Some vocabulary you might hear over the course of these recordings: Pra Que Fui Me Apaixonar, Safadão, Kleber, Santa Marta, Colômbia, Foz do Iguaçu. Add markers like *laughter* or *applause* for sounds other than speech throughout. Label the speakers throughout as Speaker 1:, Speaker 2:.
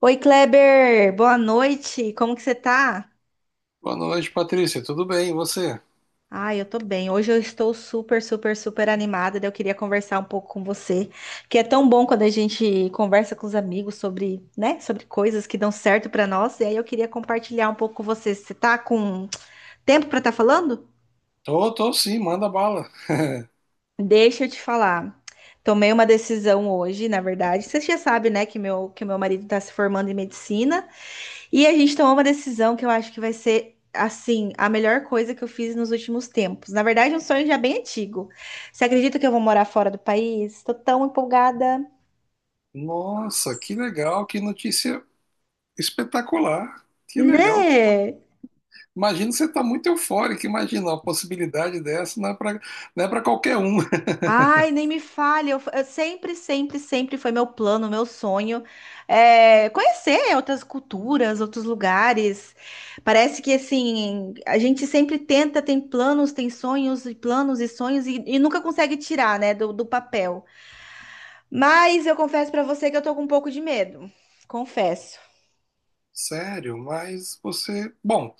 Speaker 1: Oi, Kleber, boa noite. Como que você tá?
Speaker 2: Boa noite, Patrícia. Tudo bem? E você?
Speaker 1: Ah, eu tô bem. Hoje eu estou super, super, super animada. Daí Eu queria conversar um pouco com você, que é tão bom quando a gente conversa com os amigos sobre, né, sobre coisas que dão certo pra nós. E aí eu queria compartilhar um pouco com você. Você tá com tempo pra estar falando?
Speaker 2: Tô sim, manda bala. *laughs*
Speaker 1: Deixa eu te falar. Tomei uma decisão hoje, na verdade. Você já sabe, né, que meu marido está se formando em medicina. E a gente tomou uma decisão que eu acho que vai ser, assim, a melhor coisa que eu fiz nos últimos tempos. Na verdade, é um sonho já bem antigo. Você acredita que eu vou morar fora do país? Tô tão empolgada,
Speaker 2: Nossa, que legal, que notícia espetacular. Que legal.
Speaker 1: né?
Speaker 2: Imagino que você tá muito eufórico, imagina uma possibilidade dessa, não é para qualquer um. *laughs*
Speaker 1: Ai, nem me fale. Eu sempre, sempre, sempre foi meu plano, meu sonho, conhecer outras culturas, outros lugares. Parece que assim, a gente sempre tenta, tem planos, tem sonhos e planos e sonhos e nunca consegue tirar, né, do papel. Mas eu confesso pra você que eu tô com um pouco de medo. Confesso.
Speaker 2: Sério, mas você. Bom,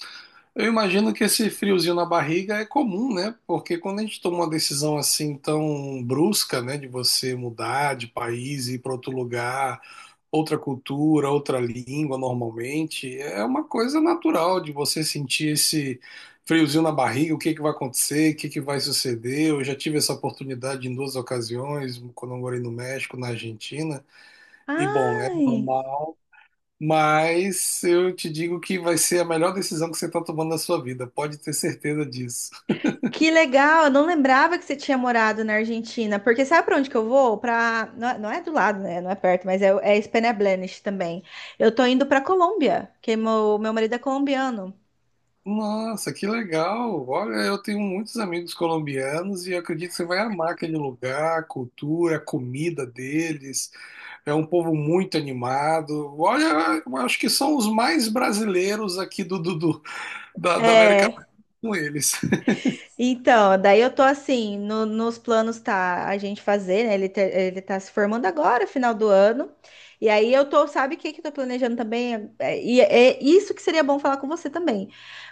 Speaker 2: eu imagino que esse friozinho na barriga é comum, né? Porque quando a gente toma uma decisão assim tão brusca, né, de você mudar de país, ir para outro lugar, outra cultura, outra língua normalmente, é uma coisa natural de você sentir esse friozinho na barriga, o que que vai acontecer, o que que vai suceder. Eu já tive essa oportunidade em duas ocasiões, quando eu morei no México, na Argentina, e bom, é
Speaker 1: Ai,
Speaker 2: normal, mas eu te digo que vai ser a melhor decisão que você está tomando na sua vida, pode ter certeza disso.
Speaker 1: que legal, eu não lembrava que você tinha morado na Argentina, porque sabe pra onde que eu vou? Pra... Não, não é do lado, né? Não é perto, mas é, é Spanish também. Eu tô indo pra Colômbia, que é meu, meu marido é colombiano.
Speaker 2: Nossa, que legal! Olha, eu tenho muitos amigos colombianos e acredito que você vai amar aquele lugar, a cultura, a comida deles. É um povo muito animado. Olha, eu acho que são os mais brasileiros aqui da, América
Speaker 1: É,
Speaker 2: Latina com eles. *laughs*
Speaker 1: então, daí eu tô assim, nos planos tá a gente fazer, né? Ele, ele tá se formando agora, final do ano. E aí eu tô, sabe o que que eu tô planejando também? E é isso que seria bom falar com você também.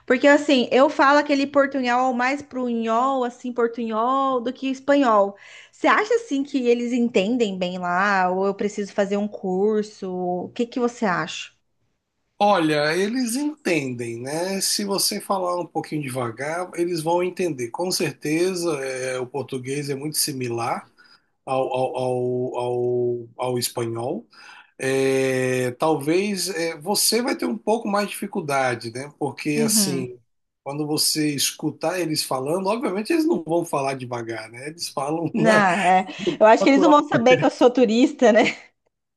Speaker 1: Porque assim, eu falo aquele portunhol mais pro unhol, assim, portunhol do que espanhol. Você acha assim que eles entendem bem lá? Ou eu preciso fazer um curso? O que que você acha?
Speaker 2: Olha, eles entendem, né? Se você falar um pouquinho devagar, eles vão entender. Com certeza, é, o português é muito similar ao espanhol. Talvez você vai ter um pouco mais de dificuldade, né? Porque
Speaker 1: Uhum.
Speaker 2: assim, quando você escutar eles falando, obviamente eles não vão falar devagar, né? Eles falam *laughs*
Speaker 1: Não,
Speaker 2: na
Speaker 1: é, eu acho que eles não
Speaker 2: natural.
Speaker 1: vão saber que eu sou turista, né?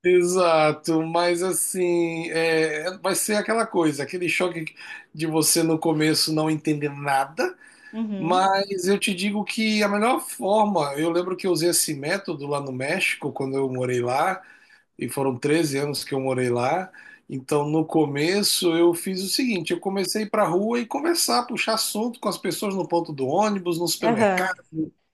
Speaker 2: Exato, mas assim, é, vai ser aquela coisa, aquele choque de você no começo não entender nada,
Speaker 1: Uhum.
Speaker 2: mas eu te digo que a melhor forma, eu lembro que eu usei esse método lá no México, quando eu morei lá, e foram 13 anos que eu morei lá. Então, no começo, eu fiz o seguinte: eu comecei a ir para a rua e conversar, puxar assunto com as pessoas no ponto do ônibus, no
Speaker 1: Aham.
Speaker 2: supermercado,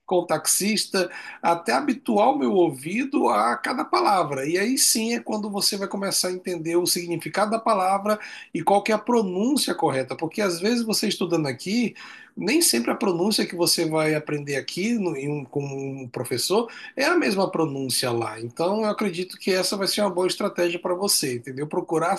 Speaker 2: com o taxista, até habituar o meu ouvido a cada palavra. E aí sim é quando você vai começar a entender o significado da palavra e qual que é a pronúncia correta, porque às vezes você estudando aqui, nem sempre a pronúncia que você vai aprender aqui no- em um- com um professor é a mesma pronúncia lá. Então, eu acredito que essa vai ser uma boa estratégia para você, entendeu? Procurar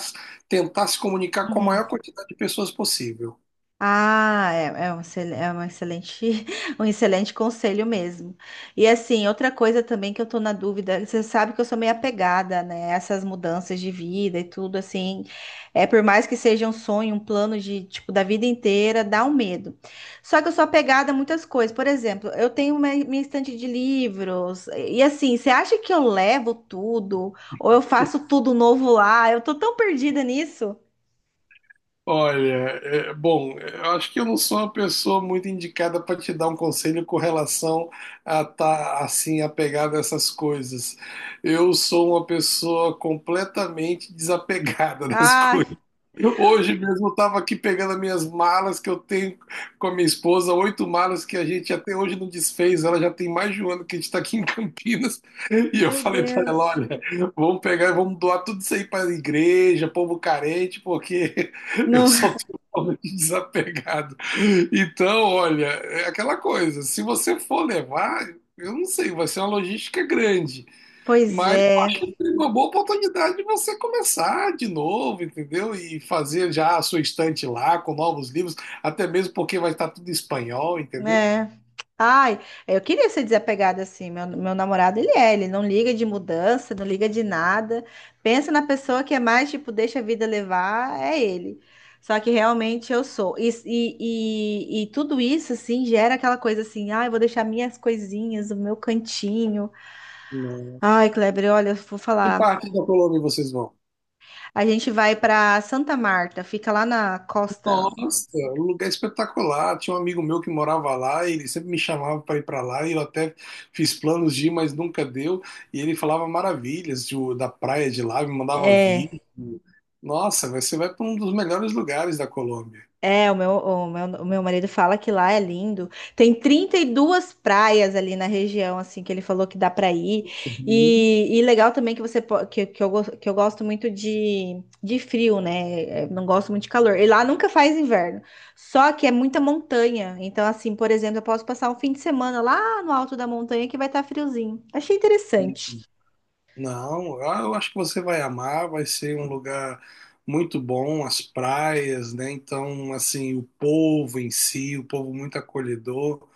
Speaker 2: tentar se comunicar com a maior
Speaker 1: Uhum.
Speaker 2: quantidade de pessoas possível.
Speaker 1: Ah, é, é um, é uma excelente, *laughs* um excelente conselho mesmo. E assim, outra coisa também que eu tô na dúvida, você sabe que eu sou meio apegada, né? Essas mudanças de vida e tudo, assim, é por mais que seja um sonho, um plano de, tipo, da vida inteira, dá um medo. Só que eu sou apegada a muitas coisas. Por exemplo, eu tenho minha estante de livros, e assim, você acha que eu levo tudo? Ou eu faço tudo novo lá? Eu tô tão perdida nisso.
Speaker 2: Olha, é, bom, eu acho que eu não sou uma pessoa muito indicada para te dar um conselho com relação a estar assim apegado a essas coisas. Eu sou uma pessoa completamente desapegada *laughs* das
Speaker 1: Ai,
Speaker 2: coisas. Hoje mesmo eu estava aqui pegando as minhas malas que eu tenho com a minha esposa, oito malas que a gente até hoje não desfez. Ela já tem mais de um ano que a gente está aqui em Campinas. E eu
Speaker 1: meu
Speaker 2: falei para ela:
Speaker 1: Deus.
Speaker 2: olha, vamos pegar e vamos doar tudo isso aí para a igreja, povo carente, porque. Eu
Speaker 1: Não,
Speaker 2: sou
Speaker 1: *laughs*
Speaker 2: totalmente desapegado. Então, olha, é aquela coisa, se você for levar, eu não sei, vai ser uma logística grande,
Speaker 1: pois
Speaker 2: mas
Speaker 1: é,
Speaker 2: é uma boa oportunidade de você começar de novo, entendeu? E fazer já a sua estante lá com novos livros, até mesmo porque vai estar tudo em espanhol, entendeu?
Speaker 1: né? Ai, eu queria ser desapegada assim. Meu namorado, ele é, ele não liga de mudança, não liga de nada. Pensa na pessoa que é mais, tipo, deixa a vida levar, é ele. Só que realmente eu sou. E tudo isso, assim, gera aquela coisa assim, ai, eu vou deixar minhas coisinhas, o meu cantinho.
Speaker 2: Não.
Speaker 1: Ai, Kleber, olha, eu vou
Speaker 2: Que
Speaker 1: falar.
Speaker 2: parte da Colômbia vocês vão?
Speaker 1: A gente vai pra Santa Marta, fica lá na costa.
Speaker 2: Nossa, um lugar é espetacular. Tinha um amigo meu que morava lá, e ele sempre me chamava para ir para lá, e eu até fiz planos de ir, mas nunca deu. E ele da praia de lá, me mandava
Speaker 1: É.
Speaker 2: vídeo. Nossa, você vai para um dos melhores lugares da Colômbia.
Speaker 1: É, o meu marido fala que lá é lindo. Tem 32 praias ali na região, assim, que ele falou que dá para ir.
Speaker 2: Uhum.
Speaker 1: E legal também que você po- que eu, gos- que eu gosto muito de frio, né? É, não gosto muito de calor. E lá nunca faz inverno. Só que é muita montanha. Então, assim, por exemplo, eu posso passar um fim de semana lá no alto da montanha que vai estar friozinho. Achei interessante.
Speaker 2: Não, ah, eu acho que você vai amar, vai ser um lugar muito bom, as praias, né? Então, assim, o povo em si, o povo muito acolhedor.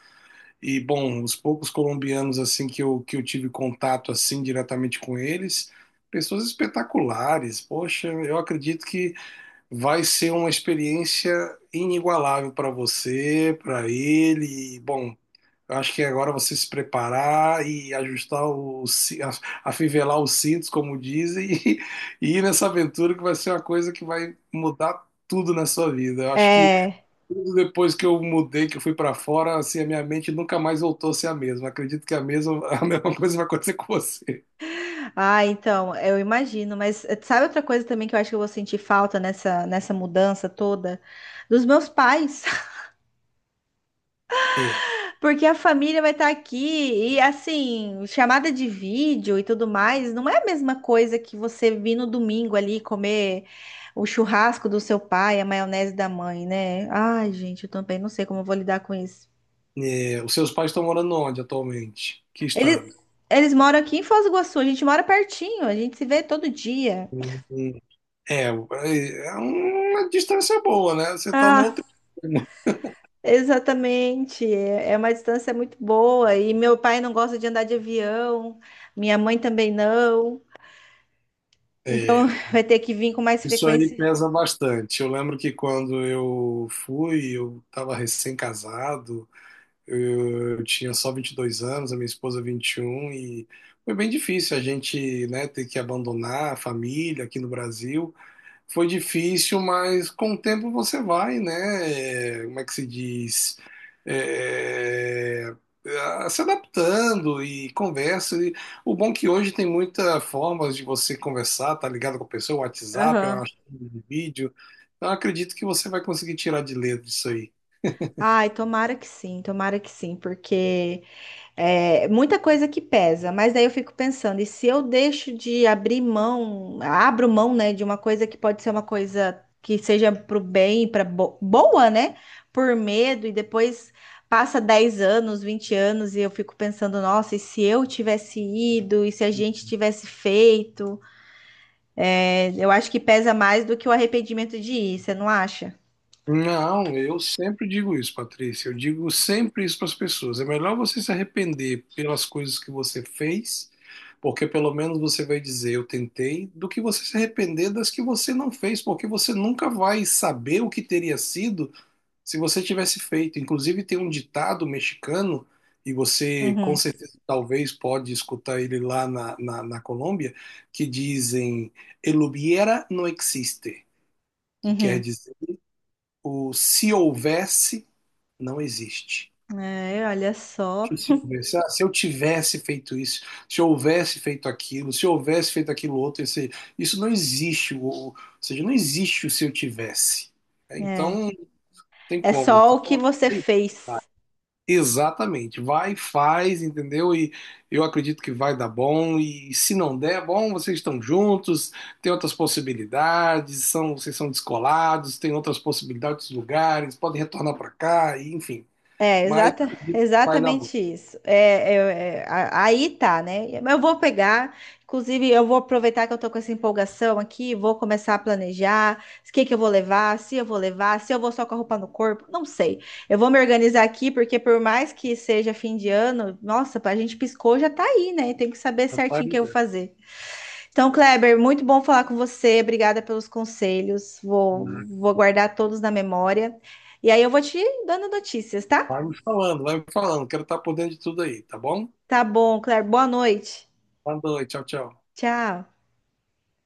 Speaker 2: E bom, os poucos colombianos assim que eu tive contato assim diretamente com eles, pessoas espetaculares. Poxa, eu acredito que vai ser uma experiência inigualável para você, para ele. E bom, eu acho que agora você se preparar e ajustar o, ci- a- afivelar os cintos, como dizem, *laughs* e ir nessa aventura que vai ser uma coisa que vai mudar tudo na sua vida. Eu acho que
Speaker 1: É.
Speaker 2: depois que eu mudei, que eu fui pra fora, assim, a minha mente nunca mais voltou a ser a mesma. Acredito que a mesma, a *laughs* mesma coisa vai acontecer com você.
Speaker 1: Ah, então, eu imagino, mas sabe outra coisa também que eu acho que eu vou sentir falta nessa, nessa mudança toda? Dos meus pais, *laughs*
Speaker 2: É,
Speaker 1: porque a família vai estar aqui e assim, chamada de vídeo e tudo mais, não é a mesma coisa que você vir no domingo ali comer o churrasco do seu pai, a maionese da mãe, né? Ai, gente, eu também não sei como eu vou lidar com isso.
Speaker 2: é, os seus pais estão morando onde atualmente? Que estado?
Speaker 1: Eles, eles moram aqui em Foz do Iguaçu, a gente mora pertinho, a gente se vê todo dia.
Speaker 2: Hum, hum. É, é uma distância boa, né? Você tá no outro extremo.
Speaker 1: Exatamente, é uma distância muito boa. E meu pai não gosta de andar de avião, minha mãe também não. Então
Speaker 2: É,
Speaker 1: *laughs* vai ter que vir com mais
Speaker 2: isso aí
Speaker 1: frequência.
Speaker 2: pesa bastante. Eu lembro que quando eu fui, eu estava recém-casado. Eu tinha só 22 anos, a minha esposa 21, e foi bem difícil a gente, né, ter que abandonar a família aqui no Brasil. Foi difícil, mas com o tempo você vai, né? Como é que se diz? É, se adaptando e conversa. E o bom é que hoje tem muitas formas de você conversar, tá ligado com a pessoa, WhatsApp,
Speaker 1: Aham.
Speaker 2: uma chamada de vídeo. Então, eu acredito que você vai conseguir tirar de letra isso aí.
Speaker 1: Ai, tomara que sim, porque é muita coisa que pesa, mas daí eu fico pensando, e se eu deixo de abrir mão, abro mão, né, de uma coisa que pode ser uma coisa que seja pro bem, para boa, né? Por medo, e depois passa 10 anos, 20 anos, e eu fico pensando, nossa, e se eu tivesse ido, e se a gente tivesse feito? É, eu acho que pesa mais do que o arrependimento de ir, você não acha?
Speaker 2: Não, eu sempre digo isso, Patrícia. Eu digo sempre isso para as pessoas. É melhor você se arrepender pelas coisas que você fez, porque pelo menos você vai dizer eu tentei, do que você se arrepender das que você não fez, porque você nunca vai saber o que teria sido se você tivesse feito. Inclusive, tem um ditado mexicano, e você com
Speaker 1: Uhum,
Speaker 2: certeza talvez pode escutar ele lá na Colômbia, que dizem: El hubiera no existe, que quer
Speaker 1: uhum.
Speaker 2: dizer o se houvesse não existe.
Speaker 1: É, olha só.
Speaker 2: Que se houvesse, ah, se eu tivesse feito isso, se eu houvesse feito aquilo, se eu houvesse feito aquilo outro, isso não existe. Ou seja, não existe o se eu tivesse. É, então,
Speaker 1: É,
Speaker 2: não tem
Speaker 1: é
Speaker 2: como.
Speaker 1: só
Speaker 2: Então,
Speaker 1: o que você
Speaker 2: tem- tá.
Speaker 1: fez.
Speaker 2: Exatamente. Vai, faz, entendeu? E eu acredito que vai dar bom. E se não der, bom, vocês estão juntos, tem outras possibilidades, vocês são descolados, tem outras possibilidades, lugares, podem retornar para cá, e, enfim.
Speaker 1: É,
Speaker 2: Mas vai dar bom.
Speaker 1: exatamente isso. Aí tá, né? Mas eu vou pegar, inclusive, eu vou aproveitar que eu tô com essa empolgação aqui, vou começar a planejar o que que eu vou levar, se eu vou levar, se eu vou só com a roupa no corpo, não sei. Eu vou me organizar aqui, porque por mais que seja fim de ano, nossa, a gente piscou, já tá aí, né? Tem que saber
Speaker 2: Vai
Speaker 1: certinho o
Speaker 2: me
Speaker 1: que eu vou
Speaker 2: dando,
Speaker 1: fazer. Então, Kleber, muito bom falar com você, obrigada pelos conselhos,
Speaker 2: né?
Speaker 1: vou guardar todos na memória. E aí eu vou te dando notícias, tá?
Speaker 2: Vai me falando. Quero estar por dentro de tudo aí, tá bom?
Speaker 1: Tá bom, Claire. Boa noite.
Speaker 2: Boa noite, tchau, tchau.
Speaker 1: Tchau.